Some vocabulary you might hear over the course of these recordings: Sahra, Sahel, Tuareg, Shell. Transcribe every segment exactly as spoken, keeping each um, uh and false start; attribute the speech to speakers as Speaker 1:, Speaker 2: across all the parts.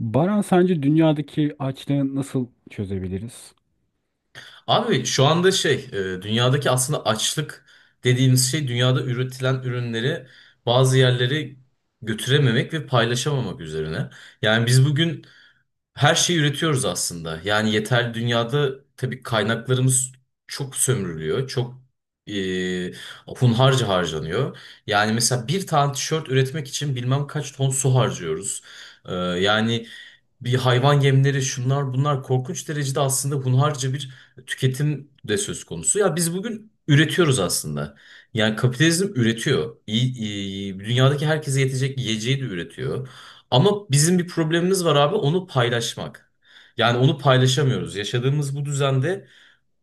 Speaker 1: Baran sence dünyadaki açlığı nasıl çözebiliriz?
Speaker 2: Abi şu anda şey e, dünyadaki aslında açlık dediğimiz şey dünyada üretilen ürünleri bazı yerlere götürememek ve paylaşamamak üzerine. Yani biz bugün her şeyi üretiyoruz aslında. Yani yeterli dünyada tabii kaynaklarımız çok sömürülüyor. Çok e, Hunharca harcanıyor. Yani mesela bir tane tişört üretmek için bilmem kaç ton su harcıyoruz. E, yani bir hayvan yemleri şunlar bunlar korkunç derecede aslında hunharca bir tüketim de söz konusu. Ya biz bugün üretiyoruz aslında. Yani kapitalizm üretiyor. İyi, iyi- dünyadaki herkese yetecek yiyeceği de üretiyor. Ama bizim bir problemimiz var abi, onu paylaşmak. Yani onu paylaşamıyoruz. Yaşadığımız bu düzende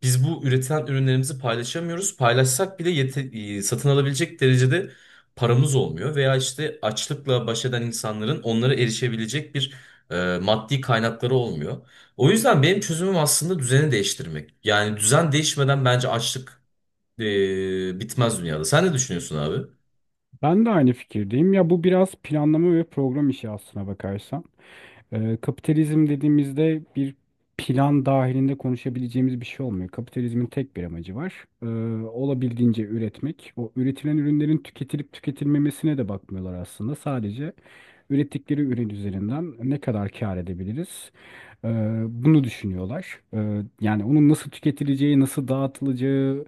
Speaker 2: biz bu üretilen ürünlerimizi paylaşamıyoruz. Paylaşsak bile yete- e, satın alabilecek derecede paramız olmuyor. Veya işte açlıkla baş eden insanların onlara erişebilecek bir e, maddi kaynakları olmuyor. O yüzden benim çözümüm aslında düzeni değiştirmek. Yani düzen değişmeden bence açlık e, bitmez dünyada. Sen ne düşünüyorsun abi?
Speaker 1: Ben de aynı fikirdeyim. Ya bu biraz planlama ve program işi aslına bakarsan. Ee, kapitalizm dediğimizde bir plan dahilinde konuşabileceğimiz bir şey olmuyor. Kapitalizmin tek bir amacı var. Ee, olabildiğince üretmek. O üretilen ürünlerin tüketilip tüketilmemesine de bakmıyorlar aslında. Sadece ürettikleri ürün üzerinden ne kadar kâr edebiliriz? Ee, bunu düşünüyorlar. Ee, yani onun nasıl tüketileceği, nasıl dağıtılacağı,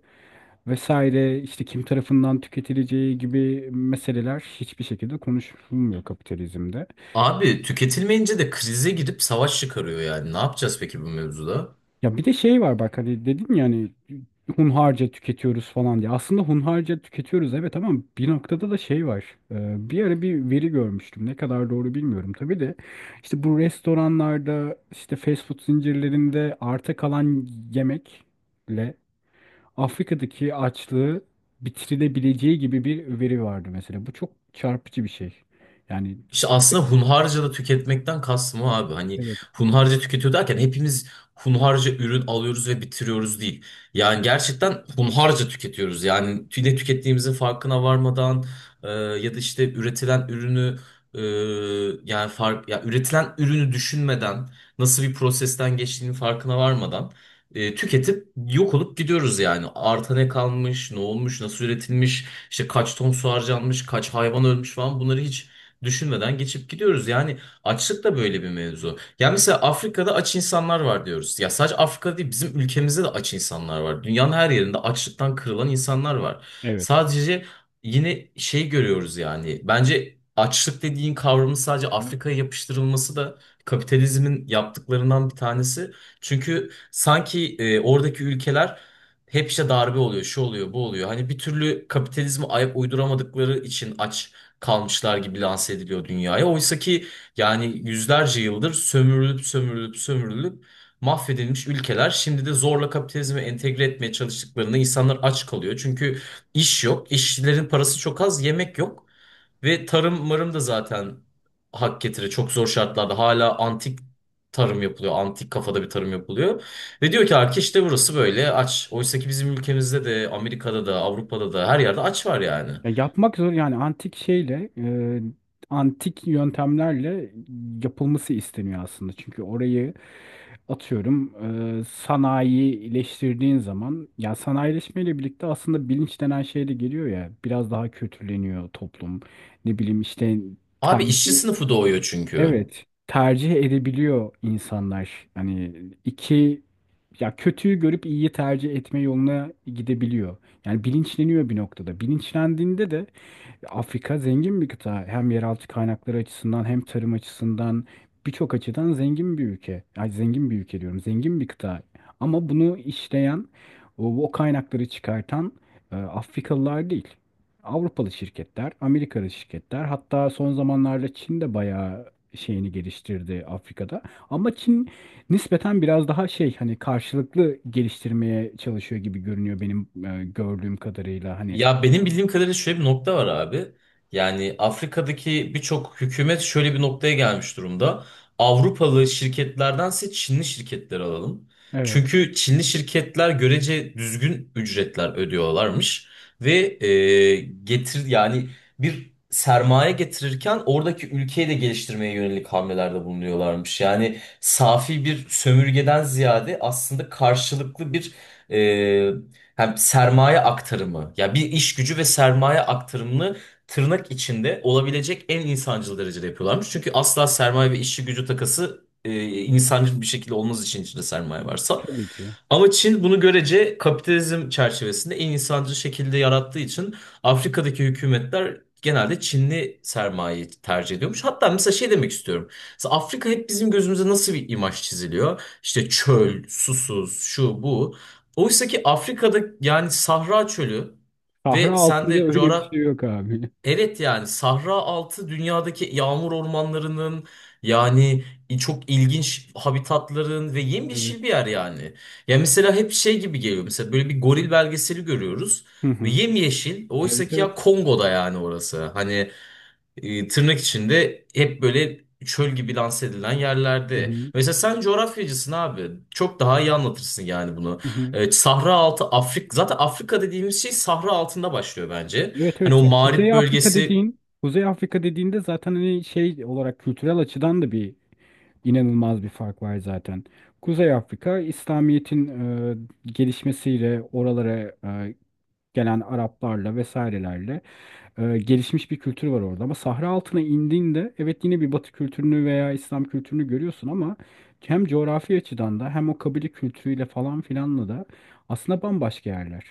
Speaker 1: vesaire işte kim tarafından tüketileceği gibi meseleler hiçbir şekilde konuşulmuyor kapitalizmde.
Speaker 2: Abi tüketilmeyince de krize girip savaş çıkarıyor yani. Ne yapacağız peki bu mevzuda?
Speaker 1: Ya bir de şey var bak hani dedin ya hani hunharca tüketiyoruz falan diye. Aslında hunharca tüketiyoruz evet ama bir noktada da şey var. Ee, bir ara bir veri görmüştüm. Ne kadar doğru bilmiyorum tabii de. İşte bu restoranlarda işte fast food zincirlerinde arta kalan yemekle Afrika'daki açlığı bitirilebileceği gibi bir veri vardı mesela. Bu çok çarpıcı bir şey. Yani
Speaker 2: İşte aslında hunharca da tüketmekten kastım o abi. Hani
Speaker 1: evet.
Speaker 2: hunharca tüketiyor derken hepimiz hunharca ürün alıyoruz ve bitiriyoruz değil. Yani gerçekten hunharca tüketiyoruz. Yani tü- ne tükettiğimizin farkına varmadan, e, ya da işte üretilen ürünü e, yani fark ya üretilen ürünü düşünmeden, nasıl bir prosesten geçtiğinin farkına varmadan e, tüketip yok olup gidiyoruz yani. Arta ne kalmış, ne olmuş, nasıl üretilmiş, işte kaç ton su harcanmış, kaç hayvan ölmüş falan, bunları hiç düşünmeden geçip gidiyoruz. Yani açlık da böyle bir mevzu. Ya mesela Afrika'da aç insanlar var diyoruz. Ya sadece Afrika değil, bizim ülkemizde de aç insanlar var. Dünyanın her yerinde açlıktan kırılan insanlar var.
Speaker 1: Evet.
Speaker 2: Sadece yine şey görüyoruz yani. Bence açlık dediğin kavramın sadece Afrika'ya yapıştırılması da kapitalizmin yaptıklarından bir tanesi. Çünkü sanki e, oradaki ülkeler hep işte darbe oluyor, şu oluyor, bu oluyor. Hani bir türlü kapitalizme ayak uyduramadıkları için aç kalmışlar gibi lanse ediliyor dünyaya. Oysa ki yani yüzlerce yıldır sömürülüp sömürülüp sömürülüp mahvedilmiş ülkeler, şimdi de zorla kapitalizme entegre etmeye çalıştıklarında insanlar aç kalıyor. Çünkü iş yok, işçilerin parası çok az, yemek yok ve tarım marım da zaten hak getire, çok zor şartlarda hala antik tarım yapılıyor. Antik kafada bir tarım yapılıyor. Ve diyor ki artık işte burası böyle aç. Oysa ki bizim ülkemizde de, Amerika'da da, Avrupa'da da her yerde aç var yani.
Speaker 1: Ya yapmak zor yani antik şeyle e, antik yöntemlerle yapılması isteniyor aslında. Çünkü orayı atıyorum e, sanayileştirdiğin zaman ya sanayileşmeyle birlikte aslında bilinç denen şey de geliyor ya biraz daha kötüleniyor toplum. Ne bileyim işte
Speaker 2: Abi işçi
Speaker 1: temci.
Speaker 2: sınıfı doğuyor çünkü.
Speaker 1: Evet, tercih edebiliyor insanlar. Hani iki ya kötüyü görüp iyiyi tercih etme yoluna gidebiliyor. Yani bilinçleniyor bir noktada. Bilinçlendiğinde de Afrika zengin bir kıta. Hem yeraltı kaynakları açısından hem tarım açısından birçok açıdan zengin bir ülke. Ay zengin bir ülke diyorum. Zengin bir kıta. Ama bunu işleyen, o, o kaynakları çıkartan e, Afrikalılar değil. Avrupalı şirketler, Amerikalı şirketler. Hatta son zamanlarda Çin de bayağı şeyini geliştirdi Afrika'da. Ama Çin nispeten biraz daha şey hani karşılıklı geliştirmeye çalışıyor gibi görünüyor benim e, gördüğüm kadarıyla. Hani
Speaker 2: Ya benim bildiğim kadarıyla şöyle bir nokta var abi. Yani Afrika'daki birçok hükümet şöyle bir noktaya gelmiş durumda. Avrupalı şirketlerdense Çinli şirketleri alalım.
Speaker 1: evet,
Speaker 2: Çünkü Çinli şirketler görece düzgün ücretler ödüyorlarmış ve e, getir yani bir sermaye getirirken oradaki ülkeyi de geliştirmeye yönelik hamlelerde bulunuyorlarmış. Yani safi bir sömürgeden ziyade aslında karşılıklı bir e, hem sermaye aktarımı, ya bir iş gücü ve sermaye aktarımını tırnak içinde olabilecek en insancıl derecede yapıyorlarmış. Çünkü asla sermaye ve işçi gücü takası e, insancıl bir şekilde olmaz için içinde sermaye varsa.
Speaker 1: tabii ki.
Speaker 2: Ama Çin bunu görece kapitalizm çerçevesinde en insancıl şekilde yarattığı için Afrika'daki hükümetler genelde Çinli sermayeyi tercih ediyormuş. Hatta mesela şey demek istiyorum. Mesela Afrika hep bizim gözümüze nasıl bir imaj çiziliyor? İşte çöl, susuz, şu bu. Oysa ki Afrika'da yani Sahra Çölü
Speaker 1: Sahra
Speaker 2: ve sen
Speaker 1: altında
Speaker 2: de
Speaker 1: öyle bir
Speaker 2: coğraf
Speaker 1: şey yok abi.
Speaker 2: evet, yani Sahra altı dünyadaki yağmur ormanlarının, yani çok ilginç habitatların ve
Speaker 1: Evet.
Speaker 2: yemyeşil bir yer yani. Ya mesela hep şey gibi geliyor, mesela böyle bir goril belgeseli görüyoruz
Speaker 1: Hı
Speaker 2: ve
Speaker 1: hı.
Speaker 2: yemyeşil, oysa
Speaker 1: Evet
Speaker 2: ki
Speaker 1: evet.
Speaker 2: ya Kongo'da yani orası. Hani e, tırnak içinde hep böyle çöl gibi lanse edilen
Speaker 1: Hı
Speaker 2: yerlerde.
Speaker 1: hı.
Speaker 2: Mesela sen coğrafyacısın abi. Çok daha iyi anlatırsın yani bunu.
Speaker 1: Hı hı.
Speaker 2: E, Sahra altı Afrika, zaten Afrika dediğimiz şey Sahra altında başlıyor bence.
Speaker 1: Evet
Speaker 2: Hani
Speaker 1: evet,
Speaker 2: o
Speaker 1: ya Kuzey
Speaker 2: mağrip
Speaker 1: Afrika
Speaker 2: bölgesi
Speaker 1: dediğin Kuzey Afrika dediğinde zaten hani şey olarak kültürel açıdan da bir inanılmaz bir fark var zaten. Kuzey Afrika İslamiyet'in e, gelişmesiyle oralara e, gelen Araplarla vesairelerle e, gelişmiş bir kültür var orada. Ama Sahra altına indiğinde evet yine bir Batı kültürünü veya İslam kültürünü görüyorsun ama hem coğrafi açıdan da hem o kabile kültürüyle falan filanla da aslında bambaşka yerler.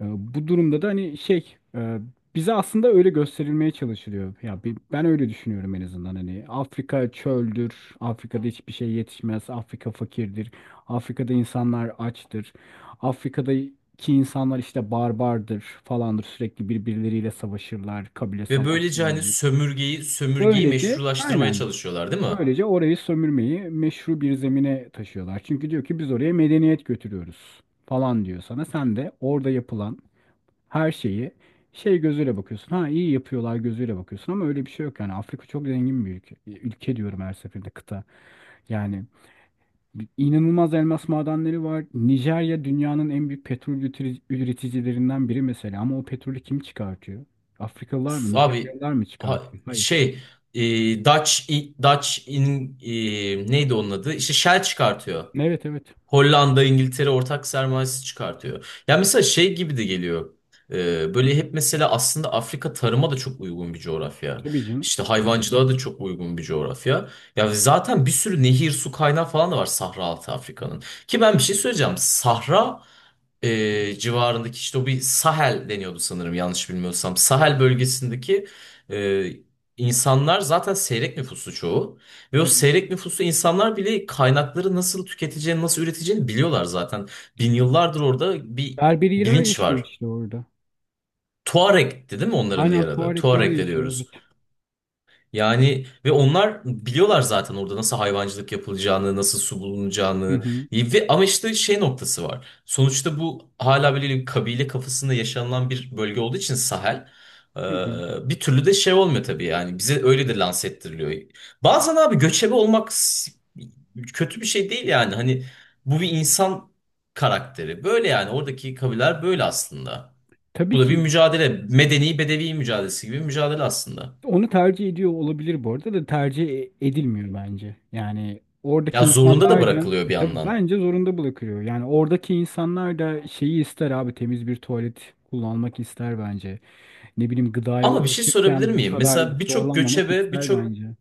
Speaker 1: E, Bu durumda da hani şey e, bize aslında öyle gösterilmeye çalışılıyor. Ya bi- ben öyle düşünüyorum en azından hani Afrika çöldür, Afrika'da hiçbir şey yetişmez, Afrika fakirdir, Afrika'da insanlar açtır, Afrika'daki insanlar işte barbardır falandır sürekli birbirleriyle savaşırlar, kabile
Speaker 2: ve böylece
Speaker 1: savaşları
Speaker 2: hani
Speaker 1: olur.
Speaker 2: sömürgeyi sömürgeyi
Speaker 1: Böylece
Speaker 2: meşrulaştırmaya
Speaker 1: aynen
Speaker 2: çalışıyorlar değil mi?
Speaker 1: böylece orayı sömürmeyi meşru bir zemine taşıyorlar. Çünkü diyor ki biz oraya medeniyet götürüyoruz falan diyor sana. Sen de orada yapılan her şeyi şey gözüyle bakıyorsun. Ha iyi yapıyorlar gözüyle bakıyorsun ama öyle bir şey yok yani. Afrika çok zengin bir ülke. Ülke diyorum her seferinde kıta. Yani inanılmaz elmas madenleri var. Nijerya dünyanın en büyük petrol ütri- üreticilerinden biri mesela ama o petrolü kim çıkartıyor? Afrikalılar
Speaker 2: Üf,
Speaker 1: mı,
Speaker 2: abi,
Speaker 1: Nijeryalılar mı
Speaker 2: ha-
Speaker 1: çıkartıyor? Hayır.
Speaker 2: şey, e, Dutch, Dutch in e, neydi onun adı? İşte Shell çıkartıyor.
Speaker 1: Evet evet.
Speaker 2: Hollanda, İngiltere ortak sermayesi çıkartıyor. Ya mesela şey gibi de geliyor. Ee, böyle hep mesela aslında Afrika tarıma da çok uygun bir coğrafya.
Speaker 1: Tabii canım.
Speaker 2: İşte hayvancılığa da çok uygun bir coğrafya. Ya zaten bir sürü nehir, su kaynağı falan da var Sahra altı Afrika'nın. Ki ben bir şey söyleyeceğim. Sahra e, civarındaki işte o bir Sahel deniyordu sanırım, yanlış bilmiyorsam. Sahel bölgesindeki e, insanlar zaten seyrek nüfusu çoğu. Ve o
Speaker 1: Evet.
Speaker 2: seyrek nüfuslu insanlar bile kaynakları nasıl tüketeceğini, nasıl üreteceğini biliyorlar zaten. Bin yıllardır orada bir
Speaker 1: Berberiler
Speaker 2: bilinç
Speaker 1: yaşıyor
Speaker 2: var.
Speaker 1: işte orada.
Speaker 2: Tuareg'ti değil mi onların
Speaker 1: Aynen
Speaker 2: diğer adı?
Speaker 1: Tuaregler
Speaker 2: Tuareg de
Speaker 1: yaşıyor evet.
Speaker 2: diyoruz. Yani ve onlar biliyorlar zaten orada nasıl hayvancılık yapılacağını, nasıl su
Speaker 1: Hı
Speaker 2: bulunacağını.
Speaker 1: hı.
Speaker 2: Ve ama işte şey noktası var. Sonuçta bu hala böyle bir kabile kafasında yaşanılan bir bölge olduğu için Sahel e,
Speaker 1: Hı hı.
Speaker 2: bir türlü de şey olmuyor tabii yani. Bize öyle de lanse ettiriliyor. Bazen abi göçebe olmak s- kötü bir şey değil yani. Hani bu bir insan karakteri. Böyle yani oradaki kabileler böyle aslında. Bu
Speaker 1: Tabii
Speaker 2: da bir
Speaker 1: ki.
Speaker 2: mücadele. Medeni bedevi mücadelesi gibi bir mücadele aslında.
Speaker 1: Onu tercih ediyor olabilir bu arada da tercih e- edilmiyor bence. Yani oradaki
Speaker 2: Ya zorunda da
Speaker 1: insanlar da
Speaker 2: bırakılıyor bir
Speaker 1: e tabii
Speaker 2: yandan.
Speaker 1: bence zorunda bırakıyor. Yani oradaki insanlar da şeyi ister abi temiz bir tuvalet kullanmak ister bence. Ne bileyim gıdaya
Speaker 2: Ama bir şey sorabilir
Speaker 1: ulaşırken bu
Speaker 2: miyim?
Speaker 1: kadar
Speaker 2: Mesela birçok
Speaker 1: zorlanmamak
Speaker 2: göçebe,
Speaker 1: ister
Speaker 2: birçok
Speaker 1: bence.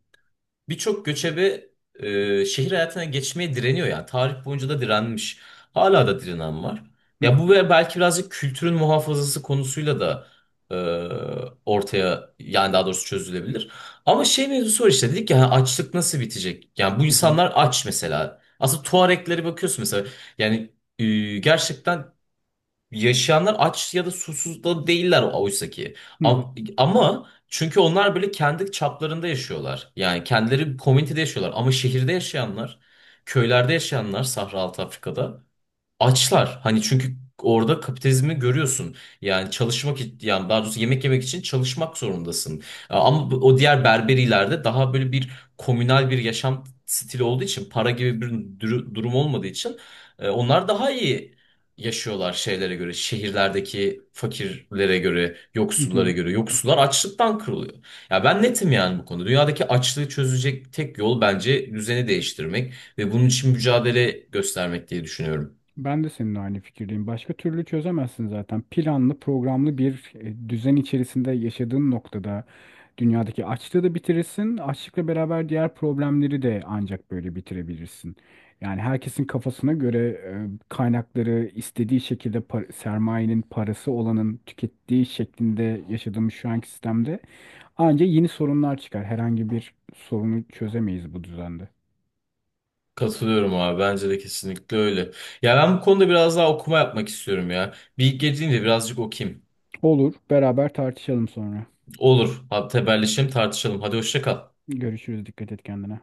Speaker 2: birçok göçebe e, şehir hayatına geçmeye direniyor yani. Tarih boyunca da direnmiş. Hala da direnen var.
Speaker 1: Hı
Speaker 2: Ya
Speaker 1: hı,
Speaker 2: bu ve belki birazcık kültürün muhafazası konusuyla da e, ortaya, yani daha doğrusu çözülebilir. Ama şey mevzusu var, işte dedik ya hani, açlık nasıl bitecek? Yani bu
Speaker 1: hı hı,
Speaker 2: insanlar aç mesela. Aslında Tuareglere bakıyorsun mesela. Yani e, gerçekten yaşayanlar aç ya da susuz da değiller oysa ki.
Speaker 1: hı hı,
Speaker 2: Am- Ama çünkü onlar böyle kendi çaplarında yaşıyorlar. Yani kendileri komünitede yaşıyorlar. Ama şehirde yaşayanlar, köylerde yaşayanlar, Sahra Altı Afrika'da açlar. Hani çünkü orada kapitalizmi görüyorsun. Yani çalışmak i- yani daha doğrusu yemek yemek için çalışmak zorundasın. Ama bu- o diğer berberilerde daha böyle bir komünal bir yaşam stili olduğu için, para gibi bir duru- durum olmadığı için e, onlar daha iyi yaşıyorlar şeylere göre. Şehirlerdeki fakirlere göre,
Speaker 1: hı
Speaker 2: yoksullara
Speaker 1: hı.
Speaker 2: göre. Yoksullar açlıktan kırılıyor. Ya ben netim yani bu konuda. Dünyadaki açlığı çözecek tek yol bence düzeni değiştirmek ve bunun için mücadele göstermek diye düşünüyorum.
Speaker 1: Ben de seninle aynı fikirdeyim. Başka türlü çözemezsin zaten. Planlı, programlı bir e, düzen içerisinde yaşadığın noktada dünyadaki açlığı da bitirirsin. Açlıkla beraber diğer problemleri de ancak böyle bitirebilirsin. Yani herkesin kafasına göre e, kaynakları istediği şekilde par- sermayenin parası olanın tükettiği şeklinde yaşadığımız şu anki sistemde ancak yeni sorunlar çıkar. Herhangi bir sorunu çözemeyiz bu düzende.
Speaker 2: Katılıyorum abi. Bence de kesinlikle öyle. Ya ben bu konuda biraz daha okuma yapmak istiyorum ya. Bir ilk girdiğimde birazcık okuyayım.
Speaker 1: Olur, beraber tartışalım sonra.
Speaker 2: Olur. Hadi haberleşelim, tartışalım. Hadi hoşça kal.
Speaker 1: Görüşürüz. Dikkat et kendine.